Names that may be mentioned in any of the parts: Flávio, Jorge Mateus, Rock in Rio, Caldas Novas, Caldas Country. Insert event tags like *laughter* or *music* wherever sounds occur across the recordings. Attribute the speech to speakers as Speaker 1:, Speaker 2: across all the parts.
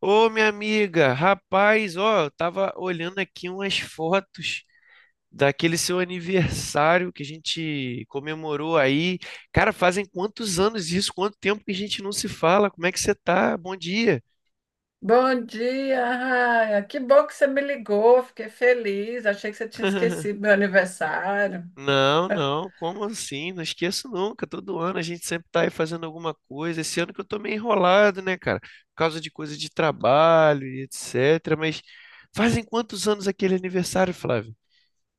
Speaker 1: Ô, minha amiga, rapaz, ó, eu tava olhando aqui umas fotos daquele seu aniversário que a gente comemorou aí. Cara, fazem quantos anos isso? Quanto tempo que a gente não se fala? Como é que você tá? Bom dia.
Speaker 2: Bom dia, Raia. Que bom que você me ligou. Fiquei feliz. Achei que você tinha esquecido meu
Speaker 1: *laughs*
Speaker 2: aniversário.
Speaker 1: Não, não, como assim? Não esqueço nunca. Todo ano a gente sempre tá aí fazendo alguma coisa. Esse ano que eu tô meio enrolado, né, cara? Por causa de coisa de trabalho e etc. Mas fazem quantos anos aquele aniversário, Flávio?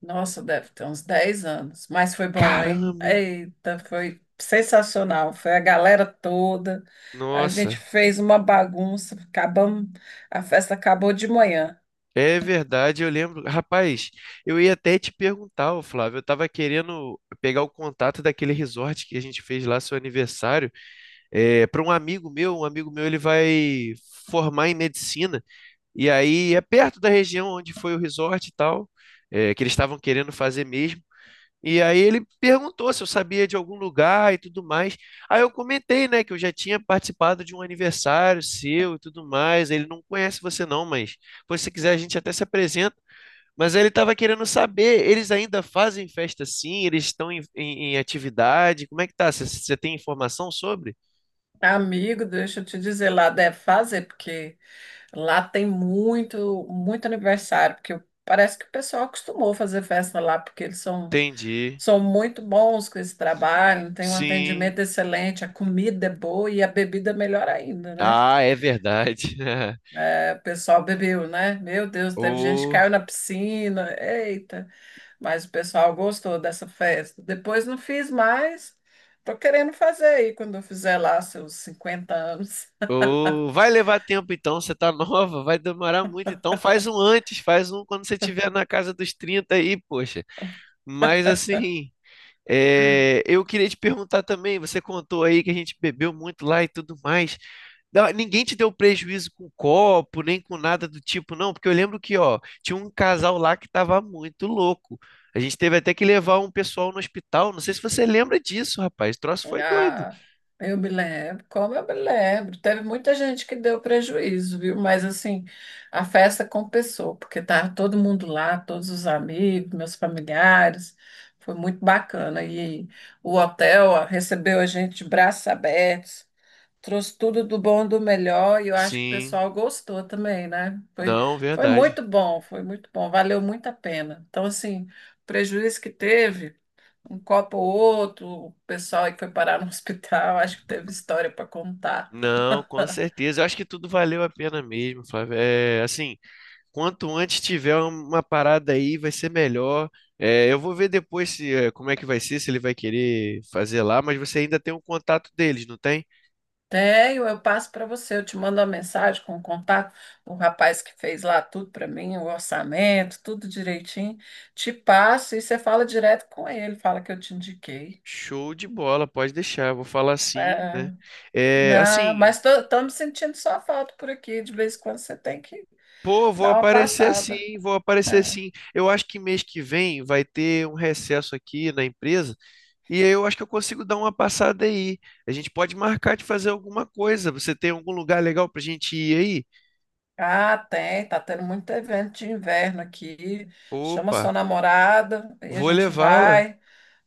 Speaker 2: Nossa, deve ter uns 10 anos. Mas foi bom, hein?
Speaker 1: Caramba, hein?
Speaker 2: Eita, foi sensacional. Foi a galera toda. A gente
Speaker 1: Nossa,
Speaker 2: fez uma bagunça. A festa acabou de manhã.
Speaker 1: é verdade, eu lembro. Rapaz, eu ia até te perguntar, ô Flávio, eu tava querendo pegar o contato daquele resort que a gente fez lá, seu aniversário, é, para um amigo meu. Um amigo meu, ele vai formar em medicina, e aí é perto da região onde foi o resort e tal, é, que eles estavam querendo fazer mesmo. E aí ele perguntou se eu sabia de algum lugar e tudo mais. Aí eu comentei, né, que eu já tinha participado de um aniversário seu e tudo mais. Ele não conhece você não, mas... Pois se quiser, a gente até se apresenta. Mas ele estava querendo saber, eles ainda fazem festa sim? Eles estão em atividade? Como é que tá? Você tem informação sobre?
Speaker 2: Amigo, deixa eu te dizer, lá deve fazer, porque lá tem muito, muito aniversário, porque parece que o pessoal acostumou a fazer festa lá, porque eles são
Speaker 1: Entendi.
Speaker 2: São muito bons com esse trabalho, tem um
Speaker 1: Sim.
Speaker 2: atendimento excelente, a comida é boa e a bebida é melhor ainda, né?
Speaker 1: Ah, é verdade. *laughs*
Speaker 2: É, o pessoal bebeu, né? Meu Deus, teve gente que
Speaker 1: Ô,
Speaker 2: caiu na piscina, eita! Mas o pessoal gostou dessa festa. Depois não fiz mais, tô querendo fazer aí quando eu fizer lá seus 50 anos.
Speaker 1: ô, vai levar tempo então, você tá nova, vai demorar muito então. Faz um antes, faz um quando você estiver na casa dos 30 aí, poxa. Mas assim, é, eu queria te perguntar também, você contou aí que a gente bebeu muito lá e tudo mais. Não, ninguém te deu prejuízo com copo, nem com nada do tipo, não, porque eu lembro que, ó, tinha um casal lá que tava muito louco. A gente teve até que levar um pessoal no hospital. Não sei se você lembra disso, rapaz. O troço foi doido.
Speaker 2: Ah, eu me lembro, como eu me lembro. Teve muita gente que deu prejuízo, viu? Mas assim, a festa compensou, porque estava todo mundo lá, todos os amigos, meus familiares. Foi muito bacana. E o hotel ó, recebeu a gente de braços abertos, trouxe tudo do bom e do melhor, e eu acho que o
Speaker 1: Sim,
Speaker 2: pessoal gostou também, né? Foi,
Speaker 1: não,
Speaker 2: foi
Speaker 1: verdade.
Speaker 2: muito bom, foi muito bom, valeu muito a pena. Então, assim, o prejuízo que teve um copo ou outro, o pessoal aí que foi parar no *laughs* hospital, acho que teve história para contar.
Speaker 1: Não, com
Speaker 2: *laughs*
Speaker 1: certeza. Eu acho que tudo valeu a pena mesmo, Flávio. É, assim, quanto antes tiver uma parada aí, vai ser melhor. É, eu vou ver depois se, é, como é que vai ser, se ele vai querer fazer lá, mas você ainda tem o contato deles, não tem?
Speaker 2: Tenho, eu passo para você, eu te mando uma mensagem com o contato o rapaz que fez lá tudo para mim, o orçamento, tudo direitinho. Te passo e você fala direto com ele, fala que eu te indiquei.
Speaker 1: Show de bola, pode deixar. Eu vou falar sim, né?
Speaker 2: É,
Speaker 1: É,
Speaker 2: não,
Speaker 1: assim,
Speaker 2: mas tô me sentindo só falta por aqui, de vez em quando você tem que
Speaker 1: pô, vou
Speaker 2: dar uma
Speaker 1: aparecer
Speaker 2: passada.
Speaker 1: sim, vou aparecer
Speaker 2: É.
Speaker 1: sim. Eu acho que mês que vem vai ter um recesso aqui na empresa. E aí eu acho que eu consigo dar uma passada aí. A gente pode marcar de fazer alguma coisa. Você tem algum lugar legal pra gente ir aí?
Speaker 2: Ah, tem, tá tendo muito evento de inverno aqui. Chama
Speaker 1: Opa,
Speaker 2: sua namorada, aí a
Speaker 1: vou
Speaker 2: gente
Speaker 1: levá-la.
Speaker 2: vai,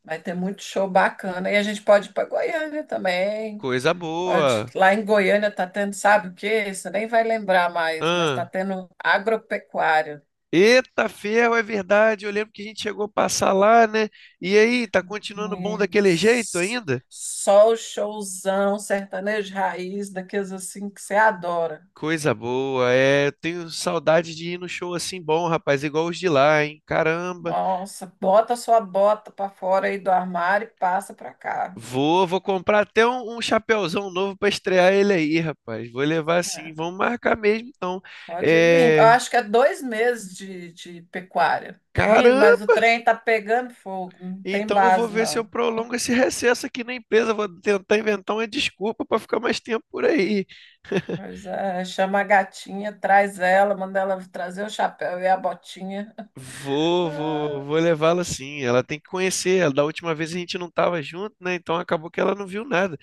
Speaker 2: vai ter muito show bacana. E a gente pode ir para Goiânia também.
Speaker 1: Coisa
Speaker 2: Pode,
Speaker 1: boa.
Speaker 2: lá em Goiânia tá tendo, sabe o quê? Você nem vai lembrar mais, mas tá
Speaker 1: Ah.
Speaker 2: tendo agropecuária.
Speaker 1: Eita, ferro, é verdade. Eu lembro que a gente chegou a passar lá, né? E aí, tá continuando bom
Speaker 2: É,
Speaker 1: daquele jeito ainda?
Speaker 2: só o showzão sertanejo de raiz, daqueles assim que você adora.
Speaker 1: Coisa boa, é. Eu tenho saudade de ir no show assim bom, rapaz, igual os de lá, hein? Caramba.
Speaker 2: Nossa, bota sua bota para fora aí do armário e passa para cá.
Speaker 1: Vou, vou comprar até um, chapéuzão novo pra estrear ele aí, rapaz. Vou levar assim,
Speaker 2: É.
Speaker 1: vamos marcar mesmo, então.
Speaker 2: Pode vir. Eu
Speaker 1: É.
Speaker 2: acho que é 2 meses de pecuária. Menino, mas o
Speaker 1: Caramba!
Speaker 2: trem tá pegando fogo, não tem
Speaker 1: Então eu vou
Speaker 2: base,
Speaker 1: ver se eu
Speaker 2: não.
Speaker 1: prolongo esse recesso aqui na empresa. Vou tentar inventar uma desculpa pra ficar mais tempo por aí. *laughs*
Speaker 2: Mas é, chama a gatinha, traz ela, manda ela trazer o chapéu e a botinha.
Speaker 1: Vou, vou,
Speaker 2: *laughs*
Speaker 1: vou levá-la sim. Ela tem que conhecer. Ela- Da última vez a gente não estava junto, né? Então acabou que ela não viu nada.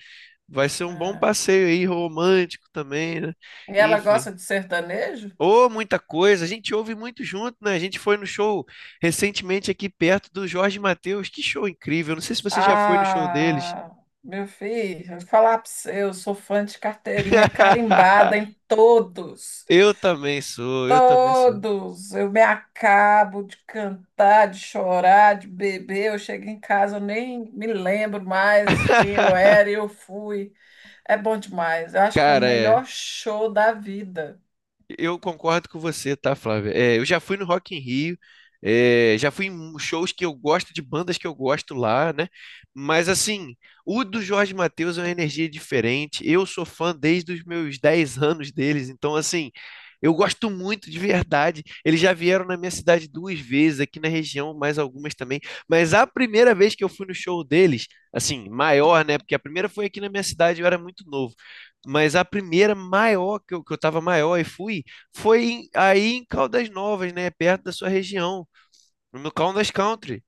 Speaker 1: Vai ser
Speaker 2: Ah,
Speaker 1: um bom
Speaker 2: é.
Speaker 1: passeio aí, romântico também, né?
Speaker 2: E ela
Speaker 1: Enfim.
Speaker 2: gosta de sertanejo?
Speaker 1: Ô, muita coisa. A gente ouve muito junto, né? A gente foi no show recentemente aqui perto do Jorge Mateus. Que show incrível. Não sei se você já foi no show deles.
Speaker 2: Ah, meu filho, eu vou falar pra você, eu sou fã de carteirinha carimbada em
Speaker 1: *laughs*
Speaker 2: todos.
Speaker 1: Eu também sou, eu também sou.
Speaker 2: Todos, eu me acabo de cantar, de chorar, de beber. Eu chego em casa, eu nem me lembro mais quem eu
Speaker 1: *laughs*
Speaker 2: era e eu fui. É bom demais. Eu acho que é o
Speaker 1: Cara, é.
Speaker 2: melhor show da vida.
Speaker 1: Eu concordo com você, tá, Flávia? É, eu já fui no Rock in Rio, é, já fui em shows que eu gosto, de bandas que eu gosto lá, né? Mas assim, o do Jorge Mateus é uma energia diferente. Eu sou fã desde os meus 10 anos deles, então assim, eu gosto muito de verdade. Eles já vieram na minha cidade duas vezes, aqui na região, mais algumas também. Mas a primeira vez que eu fui no show deles, assim, maior, né? Porque a primeira foi aqui na minha cidade, eu era muito novo. Mas a primeira maior que eu tava maior e fui, foi em- aí em Caldas Novas, né? Perto da sua região, no Caldas Country.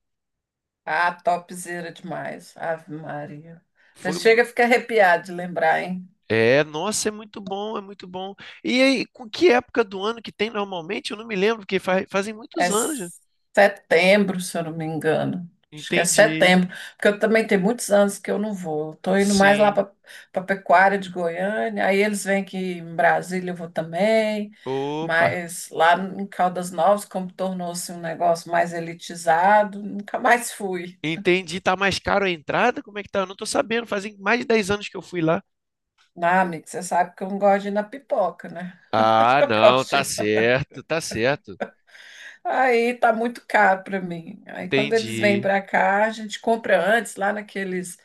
Speaker 2: Ah, topzera demais. Ave Maria. Você
Speaker 1: Foi, mu-
Speaker 2: chega a ficar arrepiado de lembrar, hein?
Speaker 1: é, nossa, é muito bom, é muito bom. E aí, com que época do ano que tem normalmente? Eu não me lembro, porque fa- fazem
Speaker 2: É
Speaker 1: muitos anos, já.
Speaker 2: setembro, se eu não me engano. Acho que é
Speaker 1: Entendi.
Speaker 2: setembro, porque eu também tenho muitos anos que eu não vou. Estou indo mais lá
Speaker 1: Sim.
Speaker 2: para a Pecuária de Goiânia, aí eles vêm aqui em Brasília, eu vou também.
Speaker 1: Opa.
Speaker 2: Mas lá em Caldas Novas, como tornou-se um negócio mais elitizado, nunca mais fui.
Speaker 1: Entendi. Tá mais caro a entrada? Como é que tá? Eu não tô sabendo. Fazem mais de 10 anos que eu fui lá.
Speaker 2: Ah, amigo, você sabe que eu não gosto de ir na pipoca, né? *laughs*
Speaker 1: Ah,
Speaker 2: Eu
Speaker 1: não,
Speaker 2: gosto
Speaker 1: tá
Speaker 2: de...
Speaker 1: certo, tá certo.
Speaker 2: Aí tá muito caro para mim. Aí quando eles vêm
Speaker 1: Entendi.
Speaker 2: para cá, a gente compra antes, lá naqueles,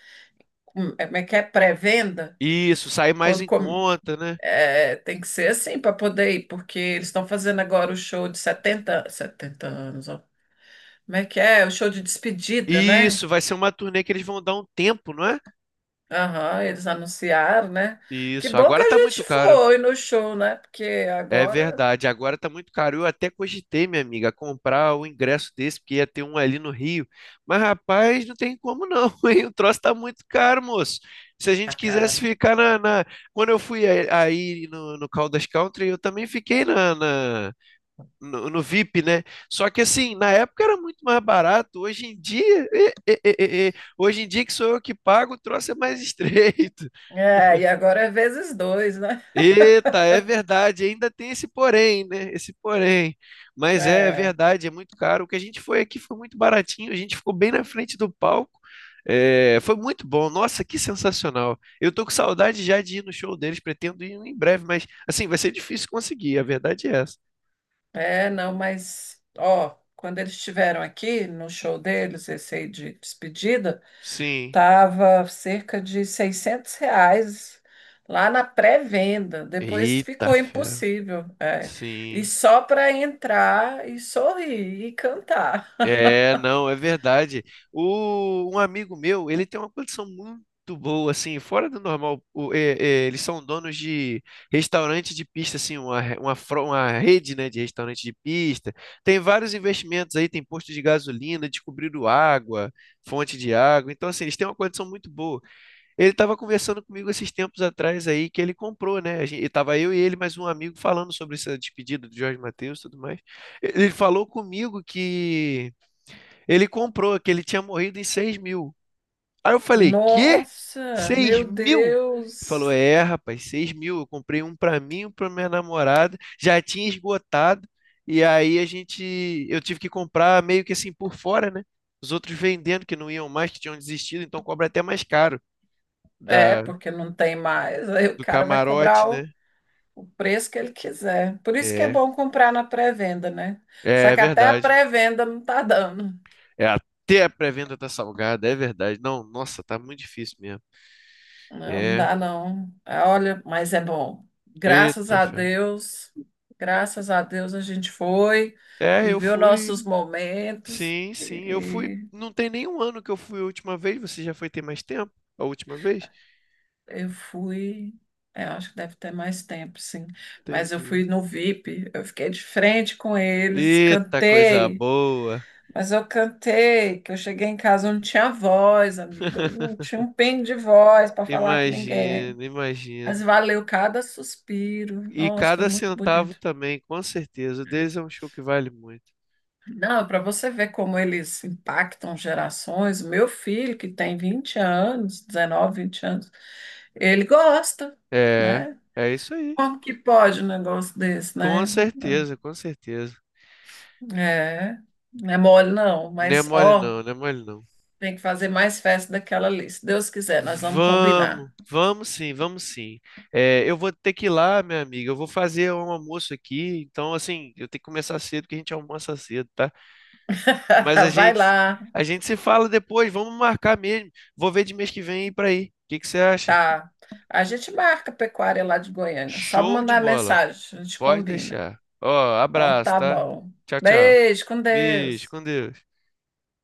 Speaker 2: é, como é que é? Pré-venda.
Speaker 1: Isso, sai mais
Speaker 2: Quando
Speaker 1: em
Speaker 2: com-
Speaker 1: conta, né?
Speaker 2: é, tem que ser assim para poder ir, porque eles estão fazendo agora o show de setenta anos, ó. Como é que é? O show de despedida, né?
Speaker 1: Isso, vai ser uma turnê que eles vão dar um tempo, não é?
Speaker 2: Aham, eles anunciaram, né? Que
Speaker 1: Isso,
Speaker 2: bom que
Speaker 1: agora
Speaker 2: a
Speaker 1: tá muito
Speaker 2: gente
Speaker 1: caro.
Speaker 2: foi no show, né? Porque
Speaker 1: É
Speaker 2: agora
Speaker 1: verdade, agora tá muito caro. Eu até cogitei, minha amiga, comprar o ingresso desse, porque ia ter um ali no Rio. Mas, rapaz, não tem como não, *laughs* hein? O troço tá muito caro, moço. Se a
Speaker 2: tá
Speaker 1: gente quisesse
Speaker 2: caro.
Speaker 1: ficar na quando eu fui aí no Caldas Country, eu também fiquei na no VIP, né? Só que assim, na época era muito mais barato. Hoje em dia, hoje em dia que sou eu que pago, o troço é mais *laughs* estreito.
Speaker 2: É, e agora é vezes 2, né?
Speaker 1: Eita, é verdade, ainda tem esse porém, né? Esse porém. Mas é
Speaker 2: É,
Speaker 1: verdade, é muito caro. O que a gente foi aqui foi muito baratinho, a gente ficou bem na frente do palco. É, foi muito bom, nossa, que sensacional. Eu tô com saudade já de ir no show deles, pretendo ir em breve, mas assim, vai ser difícil conseguir, a verdade é essa.
Speaker 2: é, não, mas, ó, quando eles estiveram aqui no show deles, esse aí de despedida,
Speaker 1: Sim.
Speaker 2: tava cerca de R$ 600 lá na pré-venda. Depois
Speaker 1: Eita,
Speaker 2: ficou
Speaker 1: fé.
Speaker 2: impossível. É. E
Speaker 1: Sim.
Speaker 2: só para entrar e sorrir e cantar.
Speaker 1: É, não, é verdade. O, um amigo meu, ele tem uma condição muito boa, assim, fora do normal. O- eles são donos de restaurante de pista, assim, uma, re- uma, fro- uma rede, né, de restaurante de pista. Tem vários investimentos aí, tem posto de gasolina, descobriram água, fonte de água. Então, assim, eles têm uma condição muito boa. Ele estava conversando comigo esses tempos atrás aí, que ele comprou, né? A gente, tava eu e ele, mais um amigo, falando sobre essa despedida do Jorge Mateus e tudo mais. Ele falou comigo que ele comprou, que ele tinha morrido em 6 mil. Aí eu falei, quê?
Speaker 2: Nossa,
Speaker 1: seis
Speaker 2: meu
Speaker 1: mil? Ele falou,
Speaker 2: Deus.
Speaker 1: é, rapaz, 6 mil. Eu comprei um pra mim, um pra minha namorada. Já tinha esgotado. E aí a gente, eu tive que comprar meio que assim por fora, né? Os outros vendendo que não iam mais, que tinham desistido, então cobra até mais caro
Speaker 2: É,
Speaker 1: da,
Speaker 2: porque não tem mais. Aí o
Speaker 1: do
Speaker 2: cara vai
Speaker 1: camarote,
Speaker 2: cobrar
Speaker 1: né?
Speaker 2: o preço que ele quiser. Por isso que é
Speaker 1: É,
Speaker 2: bom comprar na pré-venda, né? Só
Speaker 1: é
Speaker 2: que até a
Speaker 1: verdade.
Speaker 2: pré-venda não tá dando.
Speaker 1: É, até a pré-venda tá salgada, é verdade. Não, nossa, tá muito difícil mesmo.
Speaker 2: Não
Speaker 1: É,
Speaker 2: dá, não. Ah, olha, mas é bom. Graças
Speaker 1: eita,
Speaker 2: a
Speaker 1: fé.
Speaker 2: Deus, graças a Deus a gente foi,
Speaker 1: É, eu
Speaker 2: viveu
Speaker 1: fui.
Speaker 2: nossos momentos
Speaker 1: Sim, sim. Eu fui.
Speaker 2: e
Speaker 1: Não tem nenhum ano que eu fui a última vez. Você já foi ter mais tempo? A última vez?
Speaker 2: eu fui. É, acho que deve ter mais tempo, sim. Mas eu
Speaker 1: Entendi.
Speaker 2: fui no VIP, eu fiquei de frente com eles,
Speaker 1: Eita, coisa
Speaker 2: cantei,
Speaker 1: boa.
Speaker 2: mas eu cantei, que eu cheguei em casa, eu não tinha voz, amigo, eu não
Speaker 1: *laughs*
Speaker 2: tinha um pingo de voz para falar com ninguém.
Speaker 1: Imagino, imagino.
Speaker 2: Mas valeu cada suspiro.
Speaker 1: E
Speaker 2: Nossa, foi
Speaker 1: cada
Speaker 2: muito
Speaker 1: centavo
Speaker 2: bonito.
Speaker 1: também, com certeza. O deles é um show que vale muito.
Speaker 2: Não, para você ver como eles impactam gerações, meu filho, que tem 20 anos, 19, 20 anos, ele gosta,
Speaker 1: É,
Speaker 2: né?
Speaker 1: é isso aí.
Speaker 2: Como que pode um negócio desse,
Speaker 1: Com
Speaker 2: né?
Speaker 1: certeza, com certeza.
Speaker 2: É, não é mole não,
Speaker 1: Não é
Speaker 2: mas
Speaker 1: mole
Speaker 2: ó,
Speaker 1: não, não é mole não.
Speaker 2: tem que fazer mais festa daquela ali. Se Deus quiser, nós vamos
Speaker 1: Vamos,
Speaker 2: combinar.
Speaker 1: vamos sim, vamos sim. É, eu vou ter que ir lá, minha amiga. Eu vou fazer um almoço aqui, então assim, eu tenho que começar cedo, porque a gente almoça cedo, tá? Mas
Speaker 2: *laughs* Vai lá,
Speaker 1: a gente se fala depois, vamos marcar mesmo. Vou ver de mês que vem ir pra aí. O que que você acha?
Speaker 2: tá. A gente marca a pecuária lá de Goiânia. Só
Speaker 1: Show de
Speaker 2: mandar
Speaker 1: bola.
Speaker 2: mensagem, a gente
Speaker 1: Pode
Speaker 2: combina.
Speaker 1: deixar. Ó,
Speaker 2: Então
Speaker 1: abraço,
Speaker 2: tá
Speaker 1: tá?
Speaker 2: bom.
Speaker 1: Tchau, tchau.
Speaker 2: Beijo, com
Speaker 1: Beijo,
Speaker 2: Deus.
Speaker 1: com Deus.